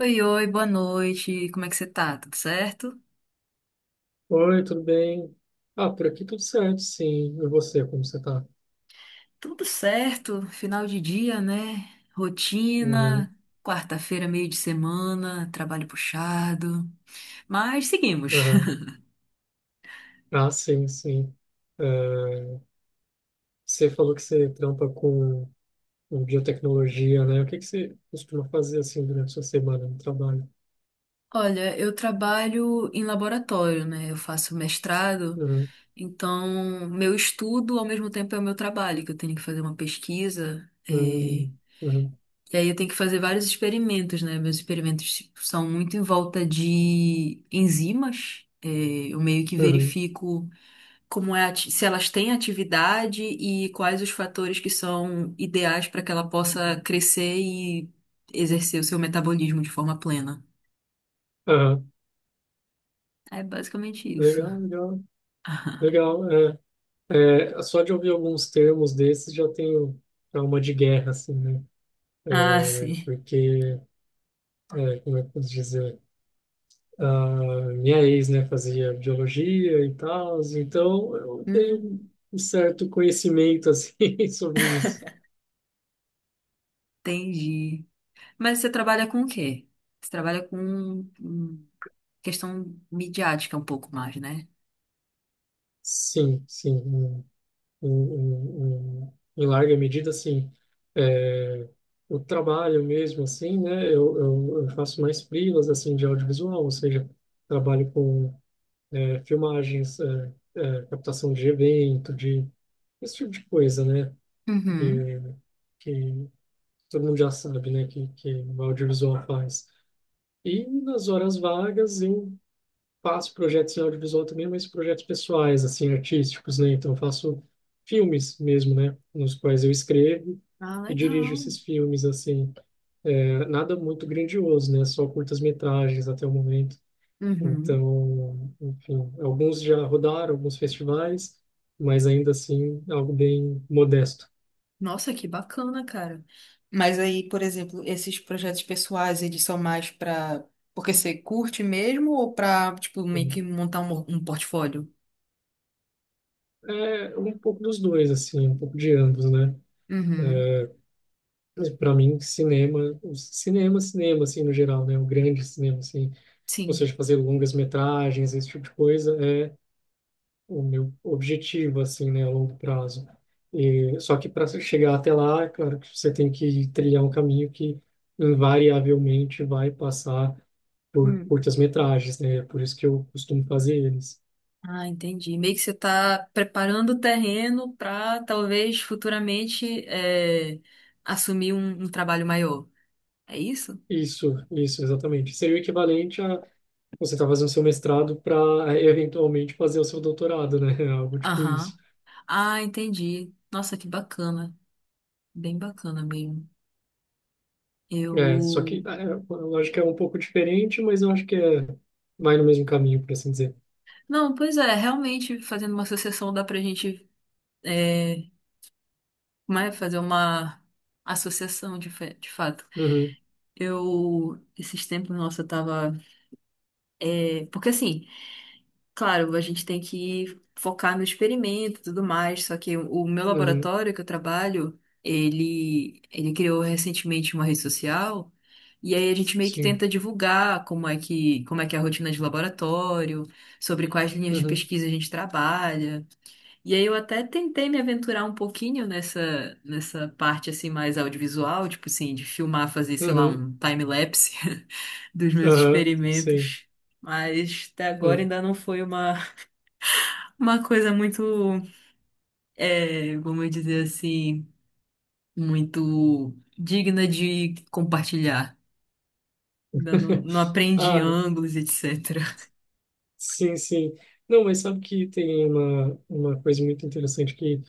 Oi, oi, boa noite. Como é que você tá? Tudo certo? Oi, tudo bem? Ah, por aqui tudo certo, sim. E você, como você tá? Tudo certo. Final de dia, né? Uhum, Rotina, quarta-feira, meio de semana, trabalho puxado. Mas seguimos. uhum. Ah, sim, sim. É, você falou que você trampa com biotecnologia, né? O que que você costuma fazer, assim, durante a sua semana no trabalho? Olha, eu trabalho em laboratório, né? Eu faço mestrado, Uhum, então meu estudo ao mesmo tempo é o meu trabalho, que eu tenho que fazer uma pesquisa. Uhum, uhum, E aí eu tenho que fazer vários experimentos, né? Meus experimentos tipo, são muito em volta de enzimas. É, eu meio que uhum, verifico como é, se elas têm atividade e quais os fatores que são ideais para que ela possa crescer e exercer o seu metabolismo de forma plena. aham. É basicamente isso. Legal, legal, legal. Só de ouvir alguns termos desses já tenho alma de guerra, assim, né? Ah, É, sim. porque, é, como é que eu posso dizer? Ah, minha ex, né, fazia biologia e tal, então eu tenho Hum, um certo conhecimento, assim, sobre isso. Entendi. Mas você trabalha com o quê? Você trabalha com questão midiática um pouco mais, né? Sim, sim, em larga medida, assim, é, o trabalho mesmo, assim, né, eu faço mais freelas, assim, de audiovisual, ou seja, trabalho com é, filmagens, é, captação de evento, de esse tipo de coisa, né, que, Uhum. que todo mundo já sabe, né, que o audiovisual faz. E nas horas vagas eu faço projetos em audiovisual também, mas projetos pessoais, assim, artísticos, né? Então eu faço filmes mesmo, né, nos quais eu escrevo Ah, e dirijo legal. esses filmes, assim. É, nada muito grandioso, né? Só curtas-metragens até o momento. Uhum. Então, enfim, alguns já rodaram, alguns festivais, mas ainda assim algo bem modesto. Nossa, que bacana, cara. Mas aí, por exemplo, esses projetos pessoais, eles são mais para porque você curte mesmo ou para, tipo, meio que montar um portfólio? É um pouco dos dois, assim, um pouco de ambos, né? Uhum. Para mim, cinema, cinema, cinema, assim, no geral, né? O grande cinema, assim, ou Sim. seja, fazer longas metragens, esse tipo de coisa, é o meu objetivo, assim, né, a longo prazo. E, só que para chegar até lá, é claro que você tem que trilhar um caminho que invariavelmente vai passar por Hum. curtas metragens, né? É por isso que eu costumo fazer eles. Ah, entendi. Meio que você está preparando o terreno para talvez futuramente assumir um trabalho maior. É isso? Isso, exatamente. Seria o equivalente a você estar fazendo seu mestrado para eventualmente fazer o seu doutorado, né? Algo tipo isso. Aham. Ah, entendi. Nossa, que bacana. Bem bacana mesmo. É, só Eu que é, a lógica é um pouco diferente, mas eu acho que é, vai no mesmo caminho, por assim dizer. Não, pois é, realmente fazendo uma associação dá pra gente é, como é, fazer uma associação de, de fato. Uhum, Eu, esses tempos, nossa, eu tava. Porque assim, claro, a gente tem que focar no experimento e tudo mais, só que o meu uhum, laboratório que eu trabalho, ele criou recentemente uma rede social. E aí a gente meio que sim. tenta divulgar como é que é a rotina de laboratório, sobre quais linhas de Uhum, pesquisa a gente trabalha. E aí eu até tentei me aventurar um pouquinho nessa parte assim mais audiovisual, tipo assim, de filmar, fazer, sei lá, uhum, um time-lapse dos meus aham, sim. experimentos. Mas até agora Hum. ainda não foi uma coisa muito, vamos dizer assim, muito digna de compartilhar. Ainda não, não aprendi Ah, ângulos, etc. sim, sim. Não, mas sabe que tem uma coisa muito interessante que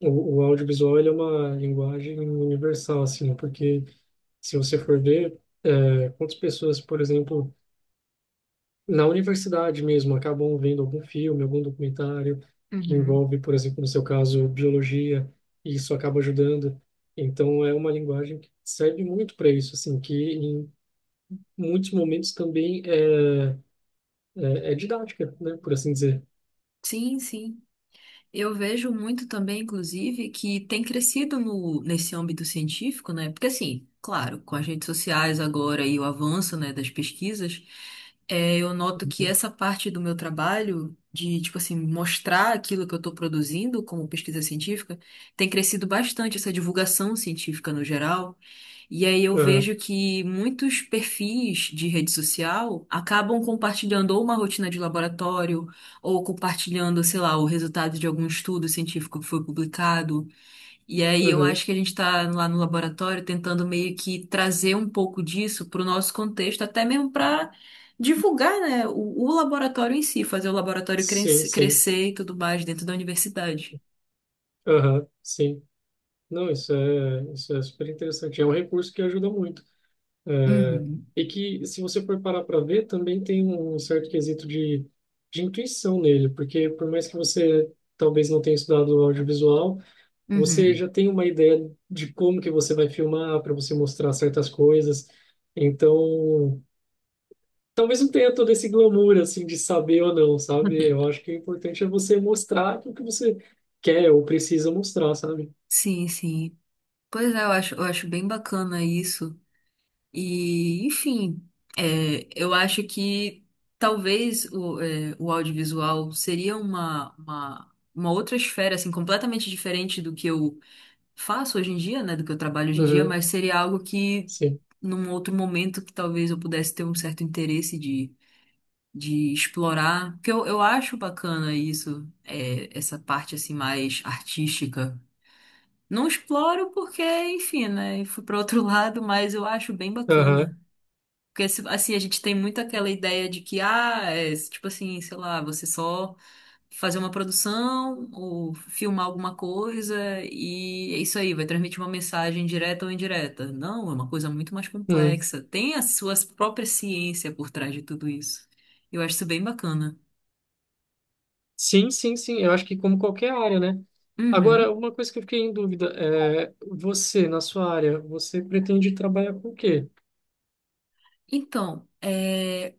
o audiovisual ele é uma linguagem universal, assim, né? Porque se você for ver, é, quantas pessoas, por exemplo, na universidade mesmo, acabam vendo algum filme, algum documentário que Uhum. envolve, por exemplo, no seu caso, biologia, e isso acaba ajudando. Então, é uma linguagem que serve muito para isso, assim, que em muitos momentos também é didática, né, por assim dizer. Sim, sim. Eu vejo muito também, inclusive, que tem crescido no, nesse âmbito científico, né? Porque, assim, claro, com as redes sociais agora e o avanço, né, das pesquisas, eu noto que essa parte do meu trabalho, de, tipo assim, mostrar aquilo que eu estou produzindo como pesquisa científica, tem crescido bastante, essa divulgação científica no geral. E aí eu Aham, vejo que muitos perfis de rede social acabam compartilhando ou uma rotina de laboratório, ou compartilhando, sei lá, o resultado de algum estudo científico que foi publicado. E aí eu uhum, acho que a gente está lá no laboratório tentando meio que trazer um pouco disso para o nosso contexto, até mesmo para divulgar, né, o laboratório em si, fazer o laboratório sim, crescer, sim, crescer e tudo mais dentro da universidade. aham, sim. Não, isso é super interessante. É um recurso que ajuda muito. Uhum, E que, se você for parar para ver, também tem um certo quesito de intuição nele, porque por mais que você talvez não tenha estudado audiovisual, você uhum. já tem uma ideia de como que você vai filmar, para você mostrar certas coisas. Então, talvez não tenha todo esse glamour, assim, de saber ou não, sabe? Eu acho que o importante é você mostrar o que você quer ou precisa mostrar, sabe? Sim, sim. Pois é, eu acho bem bacana isso. E, enfim, eu acho que talvez o audiovisual seria uma outra esfera, assim, completamente diferente do que eu faço hoje em dia, né, do que eu trabalho hoje em dia, Uhum, mas seria algo que, sim. num outro momento, que talvez eu pudesse ter um certo interesse de explorar, porque eu acho bacana isso, essa parte, assim, mais artística. Não exploro porque, enfim, né, fui para outro lado, mas eu acho bem Aham. bacana. Porque, assim, a gente tem muito aquela ideia de que, ah, tipo assim, sei lá, você só fazer uma produção ou filmar alguma coisa e é isso aí, vai transmitir uma mensagem direta ou indireta. Não, é uma coisa muito mais Uhum. complexa. Tem a sua própria ciência por trás de tudo isso. Eu acho isso bem bacana. Sim, sim, sim. Eu acho que como qualquer área, né? Uhum. Agora, uma coisa que eu fiquei em dúvida é você, na sua área, você pretende trabalhar com o quê? Então,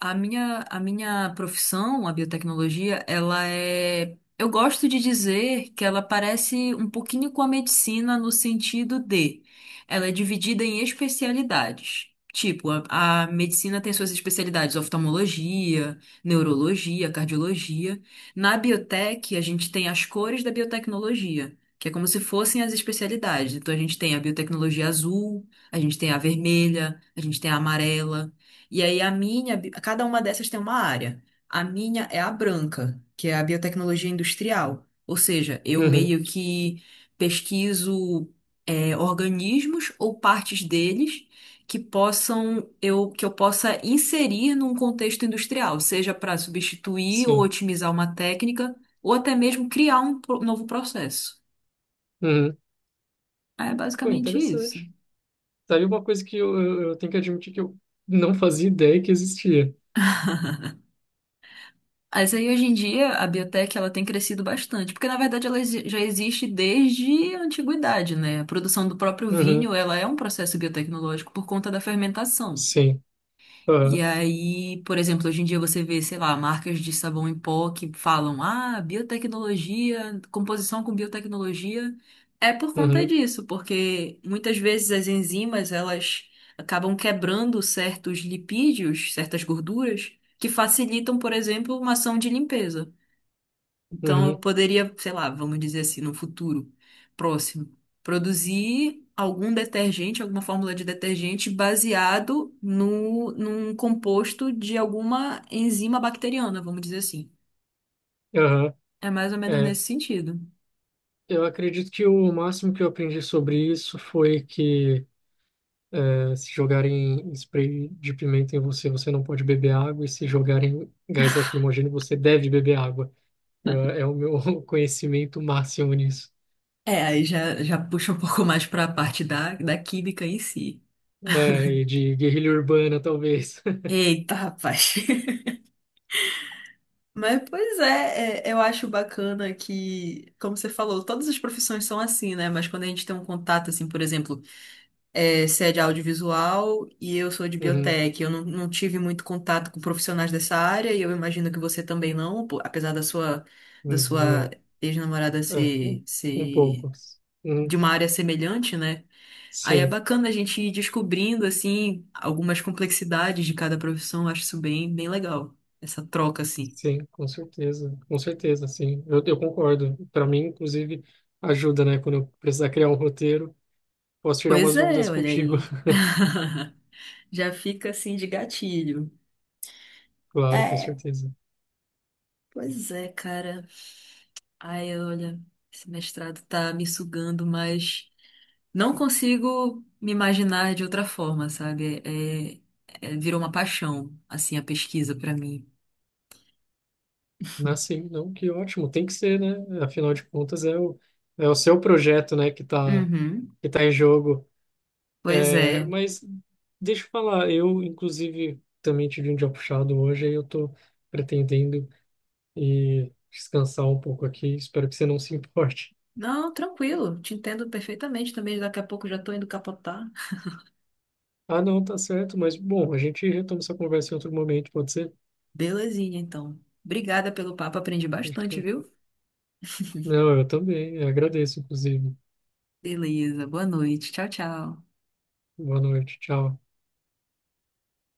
a minha, profissão, a biotecnologia, ela é. Eu gosto de dizer que ela parece um pouquinho com a medicina no sentido de ela é dividida em especialidades. Tipo, a medicina tem suas especialidades, oftalmologia, neurologia, cardiologia. Na biotech, a gente tem as cores da biotecnologia, que é como se fossem as especialidades. Então, a gente tem a biotecnologia azul, a gente tem a vermelha, a gente tem a amarela. E aí cada uma dessas tem uma área. A minha é a branca, que é a biotecnologia industrial. Ou seja, eu Uhum, meio que pesquiso organismos ou partes deles que eu possa inserir num contexto industrial, seja para substituir ou sim. otimizar uma técnica, ou até mesmo criar um novo processo. Uhum. É Pô, basicamente isso. interessante. Tá aí uma coisa que eu tenho que admitir que eu não fazia ideia que existia. Mas aí hoje em dia a biotech ela tem crescido bastante, porque na verdade ela já existe desde a antiguidade, né? A produção do próprio Uhum, vinho, ela é um processo biotecnológico por conta da fermentação. sim. E Aham, aí, por exemplo, hoje em dia você vê, sei lá, marcas de sabão em pó que falam: "Ah, biotecnologia, composição com biotecnologia". É por conta uhum, disso, porque muitas vezes as enzimas, elas acabam quebrando certos lipídios, certas gorduras que facilitam, por exemplo, uma ação de limpeza. Então, eu uhum, poderia, sei lá, vamos dizer assim, no futuro próximo, produzir algum detergente, alguma fórmula de detergente baseado no, num composto de alguma enzima bacteriana, vamos dizer assim. aham. É mais ou menos É, nesse sentido. eu acredito que o máximo que eu aprendi sobre isso foi que é, se jogarem spray de pimenta em você, você não pode beber água, e se jogarem gás lacrimogêneo, você deve beber água. É o meu conhecimento máximo nisso. É, aí já, já puxa um pouco mais para a parte da química em si. É, e de guerrilha urbana, talvez. Eita, rapaz. Mas, pois é, eu acho bacana que, como você falou, todas as profissões são assim, né? Mas quando a gente tem um contato, assim, por exemplo, se é audiovisual e eu sou de Uhum, biotech. Eu não, não tive muito contato com profissionais dessa área e eu imagino que você também não, pô, apesar da sua, da uhum, sua não. ex-namorada É, ser, um ser pouco. Uhum, de uma área semelhante, né? Aí é sim, bacana a gente ir descobrindo, assim, algumas complexidades de cada profissão. Eu acho isso bem, bem legal, essa troca, assim. sim, com certeza. Com certeza, sim. Eu concordo. Para mim, inclusive, ajuda, né? Quando eu precisar criar um roteiro, posso tirar Pois umas dúvidas é, olha contigo. aí. Já fica assim de gatilho. Claro, com É, certeza. pois é, cara. Ai, olha, esse mestrado tá me sugando, mas não consigo me imaginar de outra forma, sabe? Virou uma paixão, assim, a pesquisa pra mim. Mas sim, não, que ótimo. Tem que ser, né? Afinal de contas, é é o seu projeto, né, Uhum. que tá em jogo. Pois É, é. mas deixa eu falar, eu inclusive também tive um dia puxado hoje, aí eu tô pretendendo ir descansar um pouco aqui, espero que você não se importe. Não, tranquilo, te entendo perfeitamente também. Daqui a pouco já tô indo capotar. Ah, não, tá certo, mas bom, a gente retoma essa conversa em outro momento, pode ser? Belezinha, então. Obrigada pelo papo, aprendi bastante, viu? Não, eu também, eu agradeço, inclusive. Beleza, boa noite. Tchau, tchau. Boa noite, tchau.